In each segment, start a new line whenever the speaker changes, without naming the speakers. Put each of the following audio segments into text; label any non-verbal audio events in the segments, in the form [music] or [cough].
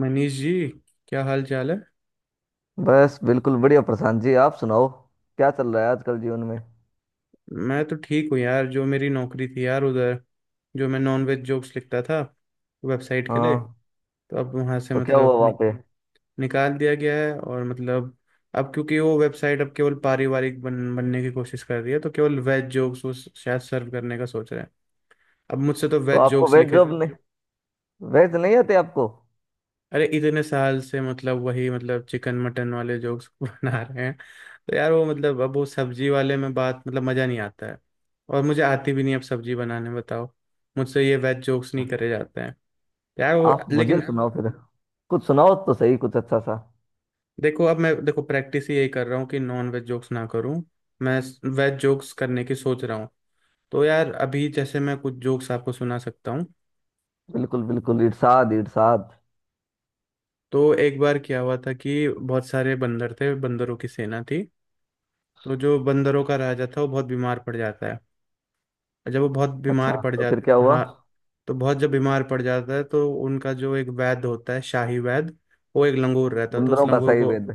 मनीष जी, क्या हाल चाल है।
बस बिल्कुल बढ़िया प्रशांत जी। आप सुनाओ, क्या चल रहा है आजकल जीवन में।
मैं तो ठीक हूँ यार। जो मेरी नौकरी थी यार उधर, जो मैं नॉनवेज जोक्स लिखता था वेबसाइट के लिए,
हाँ।
तो अब वहाँ से
तो क्या हुआ वहां पे।
निकाल दिया गया है। और अब क्योंकि वो वेबसाइट अब केवल पारिवारिक बनने की कोशिश कर रही है, तो केवल वेज जोक्स वो शायद सर्व करने का सोच रहे हैं। अब मुझसे तो
तो
वेज
आपको
जोक्स
वेज
लिखे।
जॉब नहीं? वेज नहीं आते आपको?
अरे इतने साल से वही चिकन मटन वाले जोक्स [laughs] बना रहे हैं। तो यार वो अब वो सब्जी वाले में बात मजा नहीं आता है। और मुझे आती भी नहीं अब सब्जी बनाने बताओ। मुझसे ये वेज जोक्स नहीं करे जाते हैं यार वो,
आप मुझे
लेकिन
सुनाओ फिर। कुछ सुनाओ तो सही, कुछ अच्छा सा।
देखो, अब मैं देखो प्रैक्टिस ही यही कर रहा हूँ कि नॉन वेज जोक्स ना करूँ। मैं वेज जोक्स करने की सोच रहा हूँ। तो यार अभी जैसे मैं कुछ जोक्स आपको सुना सकता हूँ।
बिल्कुल बिल्कुल, इरशाद इरशाद।
तो एक बार क्या हुआ था कि बहुत सारे बंदर थे, बंदरों की सेना थी। तो जो बंदरों का राजा था वो बहुत बीमार पड़ जाता है। और जब वो बहुत बीमार
अच्छा,
पड़
तो फिर क्या
जाता,
हुआ।
हाँ, तो बहुत जब बीमार पड़ जाता है तो उनका जो एक वैद्य होता है, शाही वैद्य, वो एक लंगूर रहता है। तो उस
बंदरों का
लंगूर
सही
को,
वेद?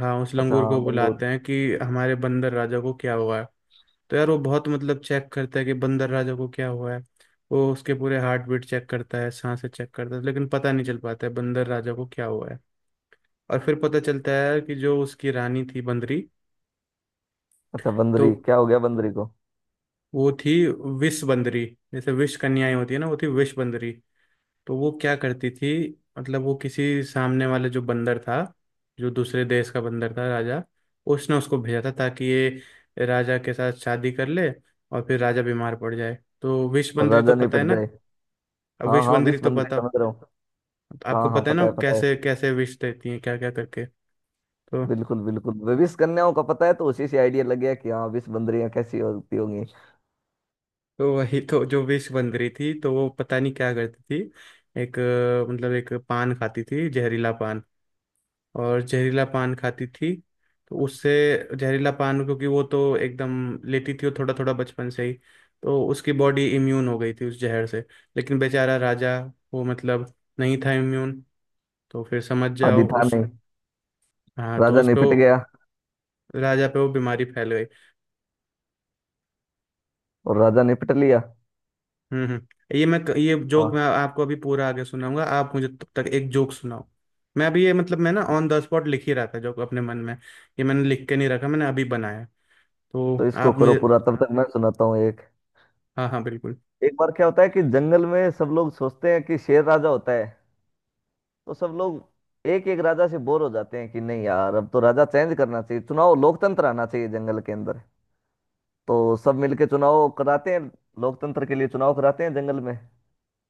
हाँ, उस
अच्छा,
लंगूर
हाँ,
को
बंगूर।
बुलाते हैं कि हमारे बंदर राजा को क्या हुआ है। तो यार वो बहुत चेक करता है कि बंदर राजा को क्या हुआ है। वो उसके पूरे हार्ट बीट चेक करता है, सांसें चेक करता है, लेकिन पता नहीं चल पाता है बंदर राजा को क्या हुआ है। और फिर पता चलता है कि जो उसकी रानी थी बंदरी,
अच्छा, बंदरी,
तो
क्या हो गया बंदरी को।
वो थी विष बंदरी। जैसे विष कन्याएं होती है ना, वो थी विष बंदरी। तो वो क्या करती थी, वो किसी सामने वाले जो बंदर था, जो दूसरे देश का बंदर था राजा, उसने उसको भेजा था ताकि ये राजा के साथ शादी कर ले और फिर राजा बीमार पड़ जाए। तो विष
और
बंदरी तो
राजा नहीं
पता है
पिट
ना।
जाए?
अब
हाँ
विष
हाँ,
बंदरी
विष
तो
बंदरी,
पता,
समझ रहा हूँ।
आपको
हाँ हाँ,
पता है
पता
ना
है पता है।
कैसे कैसे विष देती है, क्या क्या करके। तो
बिल्कुल बिल्कुल, विष कन्याओं का पता है, तो उसी से आइडिया लग गया कि हाँ, विष बंदरियां कैसी होती होंगी।
तो वही, तो जो विष बंदरी थी, तो वो पता नहीं क्या करती थी। एक अ, मतलब एक पान खाती थी, जहरीला पान। और जहरीला पान खाती थी, तो उससे जहरीला पान, क्योंकि वो तो एकदम लेती थी वो थोड़ा थोड़ा बचपन से ही, तो उसकी बॉडी इम्यून हो गई थी उस जहर से। लेकिन बेचारा राजा वो नहीं था इम्यून। तो फिर समझ
आदि
जाओ
था
उस
नहीं?
हाँ, तो
राजा
उस पे वो,
निपट गया।
राजा पे वो बीमारी फैल गई।
और राजा निपट लिया।
हम्म हम्म ये मैं, ये जोक मैं
हाँ।
आपको अभी पूरा आगे सुनाऊंगा, आप मुझे तब तक एक जोक सुनाओ। मैं अभी ये मैं ना ऑन द स्पॉट लिख ही रहा था जोक अपने मन में, ये मैंने लिख के नहीं रखा, मैंने अभी बनाया।
तो
तो
इसको
आप
करो
मुझे,
पूरा, तब तक मैं सुनाता हूँ एक।
हाँ हाँ, बिल्कुल।
एक बार क्या होता है कि जंगल में सब लोग सोचते हैं कि शेर राजा होता है। तो सब लोग एक एक राजा से बोर हो जाते हैं कि नहीं यार, अब तो राजा चेंज करना चाहिए, चुनाव लोकतंत्र आना चाहिए जंगल के अंदर। तो सब मिलके चुनाव कराते हैं। लोकतंत्र के लिए चुनाव कराते हैं जंगल में।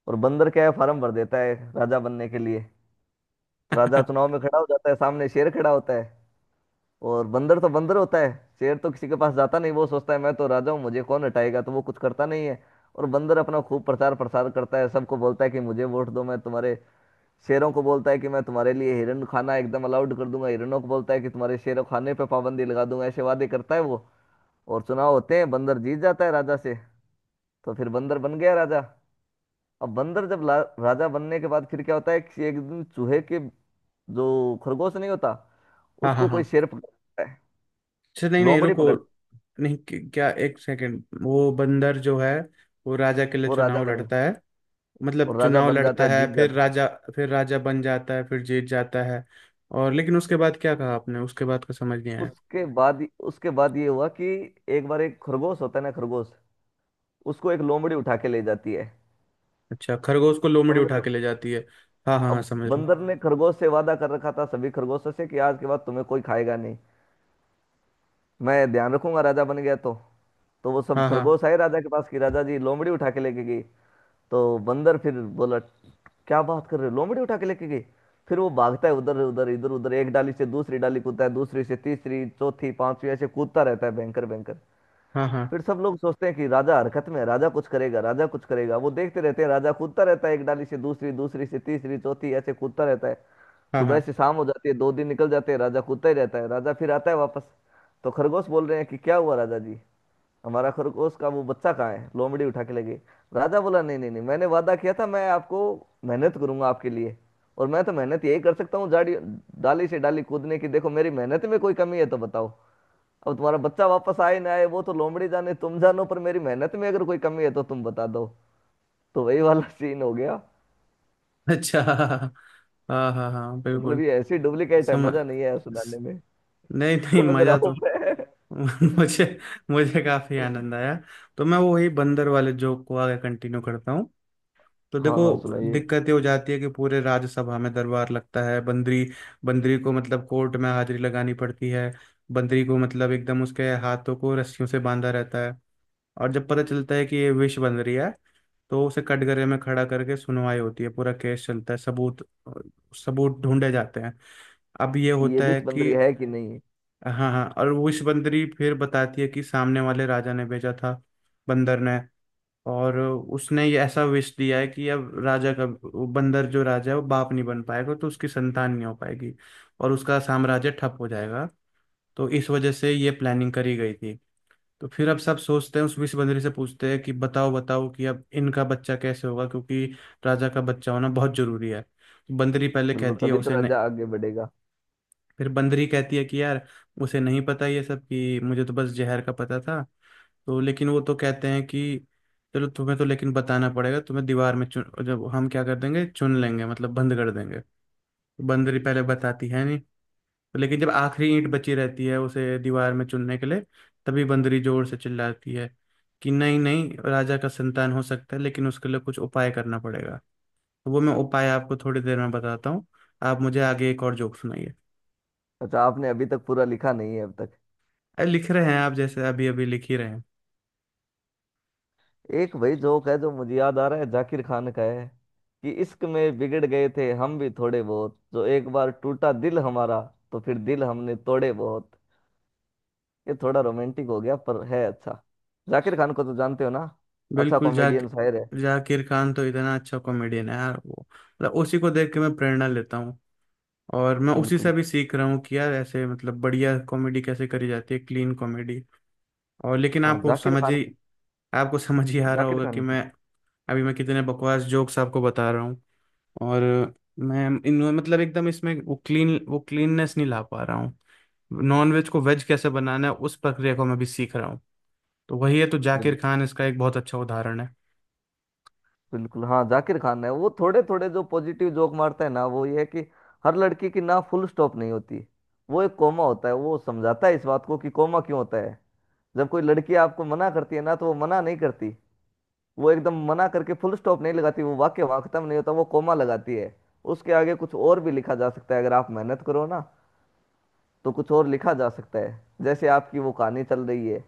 और बंदर क्या है, फार्म भर देता है राजा बनने के लिए। तो राजा चुनाव में खड़ा हो जाता है, सामने शेर खड़ा होता है। और बंदर तो बंदर होता है। शेर तो किसी के पास जाता नहीं, वो सोचता है मैं तो राजा हूँ, मुझे कौन हटाएगा, तो वो कुछ करता नहीं है। और बंदर अपना खूब प्रचार प्रसार करता है, सबको बोलता है कि मुझे वोट दो, मैं तुम्हारे शेरों को बोलता है कि मैं तुम्हारे लिए हिरण खाना एकदम अलाउड कर दूंगा, हिरणों को बोलता है कि तुम्हारे शेरों खाने पर पाबंदी लगा दूंगा, ऐसे वादे करता है वो। और चुनाव होते हैं, बंदर जीत जाता है राजा से। तो फिर बंदर बन गया राजा। अब बंदर जब राजा बनने के बाद फिर क्या होता है कि एक दिन चूहे के, जो, खरगोश नहीं होता,
हाँ हाँ
उसको कोई
हाँ,
शेर पकड़ता है,
अच्छा, नहीं नहीं
लोमड़ी
रुको।
पकड़ती।
नहीं क- क्या एक सेकंड, वो बंदर जो है वो राजा के लिए
वो
चुनाव
राजा बन गया,
लड़ता है,
और राजा
चुनाव
बन जाता
लड़ता
है,
है
जीत
फिर
जाता है।
राजा, फिर राजा बन जाता है, फिर जीत जाता है। और लेकिन उसके बाद क्या कहा आपने, उसके बाद का समझ नहीं आया।
उसके बाद, उसके बाद ये हुआ कि एक बार एक खरगोश होता है ना, खरगोश, उसको एक लोमड़ी उठा के ले जाती है।
अच्छा, खरगोश को लोमड़ी
समझ रहे
उठा के
हो।
ले जाती है। हाँ हाँ हाँ,
अब
समझ रहा हूँ।
बंदर ने खरगोश से वादा कर रखा था, सभी खरगोशों से, कि आज के बाद तुम्हें कोई खाएगा नहीं, मैं ध्यान रखूंगा राजा बन गया तो। तो वो सब
हाँ हाँ
खरगोश आए राजा के पास कि राजा जी, लोमड़ी उठा के लेके गई। तो बंदर फिर बोला, क्या बात कर रहे हो, लोमड़ी उठा के लेके गई। फिर वो भागता है उधर उधर इधर उधर, एक डाली से दूसरी डाली कूदता है, दूसरी से तीसरी, चौथी, पांचवी, ऐसे कूदता रहता है भयंकर भयंकर।
हाँ। हाँ
फिर सब लोग सोचते हैं कि राजा हरकत में है, राजा कुछ करेगा, राजा कुछ करेगा, वो देखते रहते हैं, राजा कूदता रहता है एक डाली से दूसरी, दूसरी से तीसरी, चौथी, ऐसे कूदता रहता है।
हाँ
सुबह
हाँ।
से शाम हो जाती है, दो दिन निकल जाते हैं, राजा कूदता ही रहता है, राजा फिर आता है वापस। तो खरगोश बोल रहे हैं कि क्या हुआ राजा जी, हमारा खरगोश का वो बच्चा कहाँ है, लोमड़ी उठा के ले गई। राजा बोला, नहीं नहीं नहीं, मैंने वादा किया था, मैं आपको मेहनत करूंगा आपके लिए। और मैं तो मेहनत यही कर सकता हूँ, जाड़ी, डाली से डाली कूदने की, देखो मेरी मेहनत में कोई कमी है तो बताओ। अब तुम्हारा बच्चा वापस आए ना आए, वो तो लोमड़ी जाने तुम जानो, पर मेरी मेहनत में अगर कोई कमी है तो तुम बता दो। तो वही वाला सीन हो गया।
[laughs] अच्छा, हाँ हाँ। हाँ हाँ, हाँ, हाँ,
मतलब
बिल्कुल।
ये ऐसी डुप्लीकेट है,
समझ,
मजा नहीं है सुनाने में।
नहीं नहीं,
समझ रहा
मजा
हूँ
तो
मैं।
[laughs] मुझे मुझे काफी आनंद आया। तो मैं वो वही बंदर वाले जोक को आगे कंटिन्यू करता हूँ। तो
हाँ
देखो,
हाँ, सुनाइए।
दिक्कत ये हो जाती है कि पूरे राज्यसभा में दरबार लगता है बंदरी, बंदरी को कोर्ट में हाजिरी लगानी पड़ती है। बंदरी को एकदम उसके हाथों को रस्सियों से बांधा रहता है। और जब पता चलता है कि ये विष बंदरी है, तो उसे कटघरे में खड़ा करके सुनवाई होती है, पूरा केस चलता है, सबूत सबूत ढूंढे जाते हैं। अब ये
ये
होता
भी
है कि,
बंदरी है कि नहीं है?
हाँ हाँ हाँ, और वो विषबंदरी फिर बताती है कि सामने वाले राजा ने भेजा था बंदर ने, और उसने ये ऐसा विष दिया है कि अब राजा का वो बंदर जो राजा है वो बाप नहीं बन पाएगा, तो उसकी संतान नहीं हो पाएगी और उसका साम्राज्य ठप हो जाएगा। तो इस वजह से ये प्लानिंग करी गई थी। तो फिर अब सब सोचते हैं, उस विषबंदरी से पूछते हैं कि बताओ बताओ कि अब इनका बच्चा कैसे होगा, क्योंकि राजा का बच्चा होना बहुत जरूरी है। तो बंदरी पहले
बिल्कुल,
कहती है
तभी तो
उसे,
राजा आगे बढ़ेगा।
फिर बंदरी कहती है कि यार उसे नहीं पता ये सब, कि मुझे तो बस जहर का पता था। तो लेकिन वो तो कहते हैं कि चलो तुम्हें तो लेकिन बताना पड़ेगा, तुम्हें दीवार में चुन, जब हम क्या कर देंगे, चुन लेंगे, बंद कर देंगे। तो बंदरी पहले
अच्छा।
बताती है नहीं, तो लेकिन जब आखिरी ईंट बची रहती है उसे दीवार में चुनने के लिए, तभी बंदरी जोर से चिल्लाती है कि नहीं नहीं, राजा का संतान हो सकता है लेकिन उसके लिए कुछ उपाय करना पड़ेगा। तो वो मैं उपाय आपको थोड़ी देर में बताता हूँ, आप मुझे आगे एक और जोक सुनाइए।
अच्छा, आपने अभी तक पूरा लिखा नहीं है अब तक?
अरे लिख रहे हैं, आप जैसे अभी अभी लिख ही रहे हैं।
एक वही जोक है जो मुझे याद आ रहा है, जाकिर खान का है, कि इश्क में बिगड़ गए थे हम भी थोड़े बहुत, जो एक बार टूटा दिल हमारा, तो फिर दिल हमने तोड़े बहुत। ये थोड़ा रोमांटिक हो गया, पर है अच्छा। जाकिर खान को तो जानते हो ना? अच्छा
बिल्कुल,
कॉमेडियन शायर है।
जाकिर खान तो इतना अच्छा कॉमेडियन है यार, वो उसी को देख के मैं प्रेरणा लेता हूँ। और मैं उसी से
बिल्कुल।
भी सीख रहा हूँ कि यार ऐसे बढ़िया कॉमेडी कैसे करी जाती है, क्लीन कॉमेडी। और लेकिन
हाँ,
आपको
जाकिर
समझ
खान
ही,
की।
आपको [laughs] समझ ही आ रहा
जाकिर
होगा कि
खान की।
मैं अभी मैं कितने बकवास जोक्स आपको बता रहा हूँ। और मैं इन एकदम इसमें वो क्लीन, वो क्लीननेस नहीं ला पा रहा हूँ। नॉन वेज को वेज कैसे बनाना है, उस प्रक्रिया को मैं भी सीख रहा हूँ। तो वही है, तो जाकिर खान इसका एक बहुत अच्छा उदाहरण है।
बिल्कुल। हाँ, जाकिर खान है, वो थोड़े थोड़े जो पॉजिटिव जोक मारता है ना, वो ये है कि हर लड़की की ना फुल स्टॉप नहीं होती, वो एक कोमा होता है। वो समझाता है इस बात को कि कोमा क्यों होता है। जब कोई लड़की आपको मना करती है ना, तो वो मना नहीं करती, वो एकदम मना करके फुल स्टॉप नहीं लगाती, वो वाक्य वहां खत्म नहीं होता, वो कोमा लगाती है। उसके आगे कुछ और भी लिखा जा सकता है अगर आप मेहनत करो ना, तो कुछ और लिखा जा सकता है, जैसे आपकी वो कहानी चल रही है।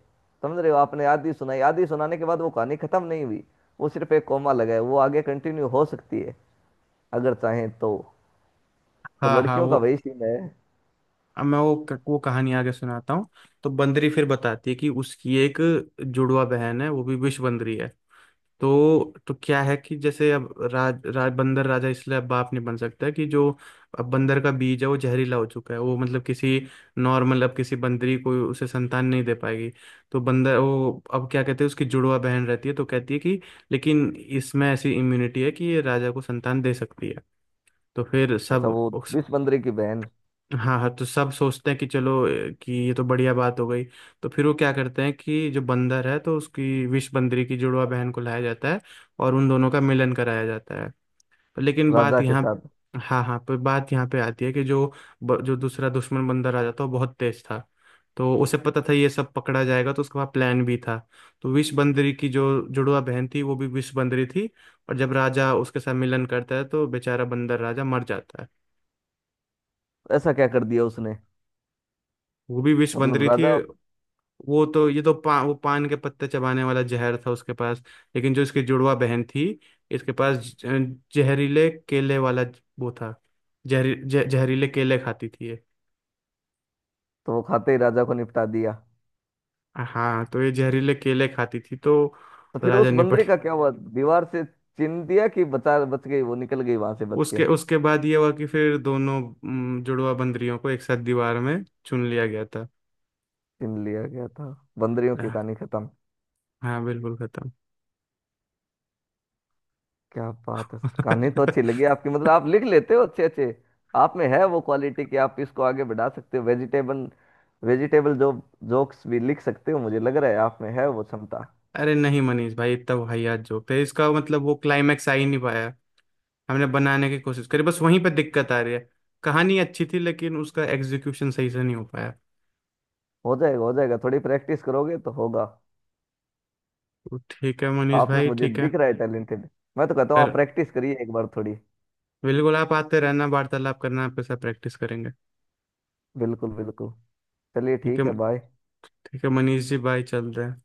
समझ रहे हो, आपने आधी सुनाई, आधी सुनाने के बाद वो कहानी खत्म नहीं हुई, वो सिर्फ एक कोमा लगा है, वो आगे कंटिन्यू हो सकती है अगर चाहें तो। तो
हाँ हाँ
लड़कियों
वो,
का वही सीन है।
अब मैं वो कहानी आगे सुनाता हूँ। तो बंदरी फिर बताती है कि उसकी एक जुड़वा बहन है, वो भी विष बंदरी है। तो क्या है कि जैसे अब राज बंदर राजा इसलिए अब बाप नहीं बन सकता है कि जो अब बंदर का बीज है वो जहरीला हो चुका है, वो किसी नॉर्मल अब किसी बंदरी को उसे संतान नहीं दे पाएगी। तो बंदर वो अब क्या कहते हैं, उसकी जुड़वा बहन रहती है तो कहती है कि लेकिन इसमें ऐसी इम्यूनिटी है कि ये राजा को संतान दे सकती है। तो फिर
अच्छा,
सब
वो विष बंदरी की बहन।
हाँ हाँ, तो सब सोचते हैं कि कि ये तो बढ़िया बात हो गई। तो फिर वो क्या करते हैं कि जो बंदर है तो उसकी विष बंदरी की जुड़वा बहन को लाया जाता है और उन दोनों का मिलन कराया जाता है। पर लेकिन
राजा
बात
के
यहाँ,
साथ।
हाँ हाँ, पर बात यहाँ पे आती है कि जो दूसरा दुश्मन बंदर आ जाता है वो बहुत तेज था, तो उसे पता था ये सब पकड़ा जाएगा तो उसके पास प्लान भी था। तो विष बंदरी की जो जुड़वा बहन थी वो भी विष बंदरी थी, और जब राजा उसके साथ मिलन करता है तो बेचारा बंदर राजा मर जाता है।
ऐसा क्या कर दिया उसने?
वो भी विष बन
मतलब
रही थी।
राजा।
वो तो ये तो पा, वो पान के पत्ते चबाने वाला जहर था उसके पास। लेकिन जो इसकी जुड़वा बहन थी, इसके पास जहरीले केले वाला वो था। जहरीले केले खाती थी ये।
तो वो खाते ही राजा को निपटा दिया।
हाँ, तो ये जहरीले केले खाती थी, तो
तो फिर
राजा
उस
निपट
बंदरी का
गया।
क्या हुआ। दीवार से छीन दिया कि बचा, बच गई वो, निकल गई वहां से बच के?
उसके उसके बाद ये हुआ कि फिर दोनों जुड़वा बंदरियों को एक साथ दीवार में चुन लिया गया था।
छीन लिया गया था। बंदरियों की कहानी खत्म।
हाँ बिल्कुल, खत्म।
क्या बात है सर, कहानी तो अच्छी लगी आपकी। मतलब
[laughs]
आप लिख लेते हो अच्छे अच्छे। आप में है वो क्वालिटी कि आप इसको आगे बढ़ा सकते हो। वेजिटेबल वेजिटेबल जो जोक्स भी लिख सकते हो, मुझे लग रहा है आप में है वो क्षमता।
अरे नहीं मनीष भाई, इतना वाहियात जोक थे, इसका मतलब वो क्लाइमैक्स आ ही नहीं पाया। हमने बनाने की कोशिश करी, बस वहीं पे दिक्कत आ रही है। कहानी अच्छी थी लेकिन उसका एग्जीक्यूशन सही से नहीं हो पाया।
हो जाएगा हो जाएगा, थोड़ी प्रैक्टिस करोगे तो होगा।
तो ठीक है मनीष
आप में
भाई,
मुझे
ठीक है।
दिख रहा है टैलेंटेड। मैं तो कहता हूँ
कर,
आप प्रैक्टिस करिए एक बार थोड़ी।
बिल्कुल, आप आते रहना, वार्तालाप करना आपके साथ, प्रैक्टिस करेंगे।
बिल्कुल बिल्कुल। चलिए
ठीक है,
ठीक है, बाय।
ठीक है मनीष जी, बाय, चल रहे हैं।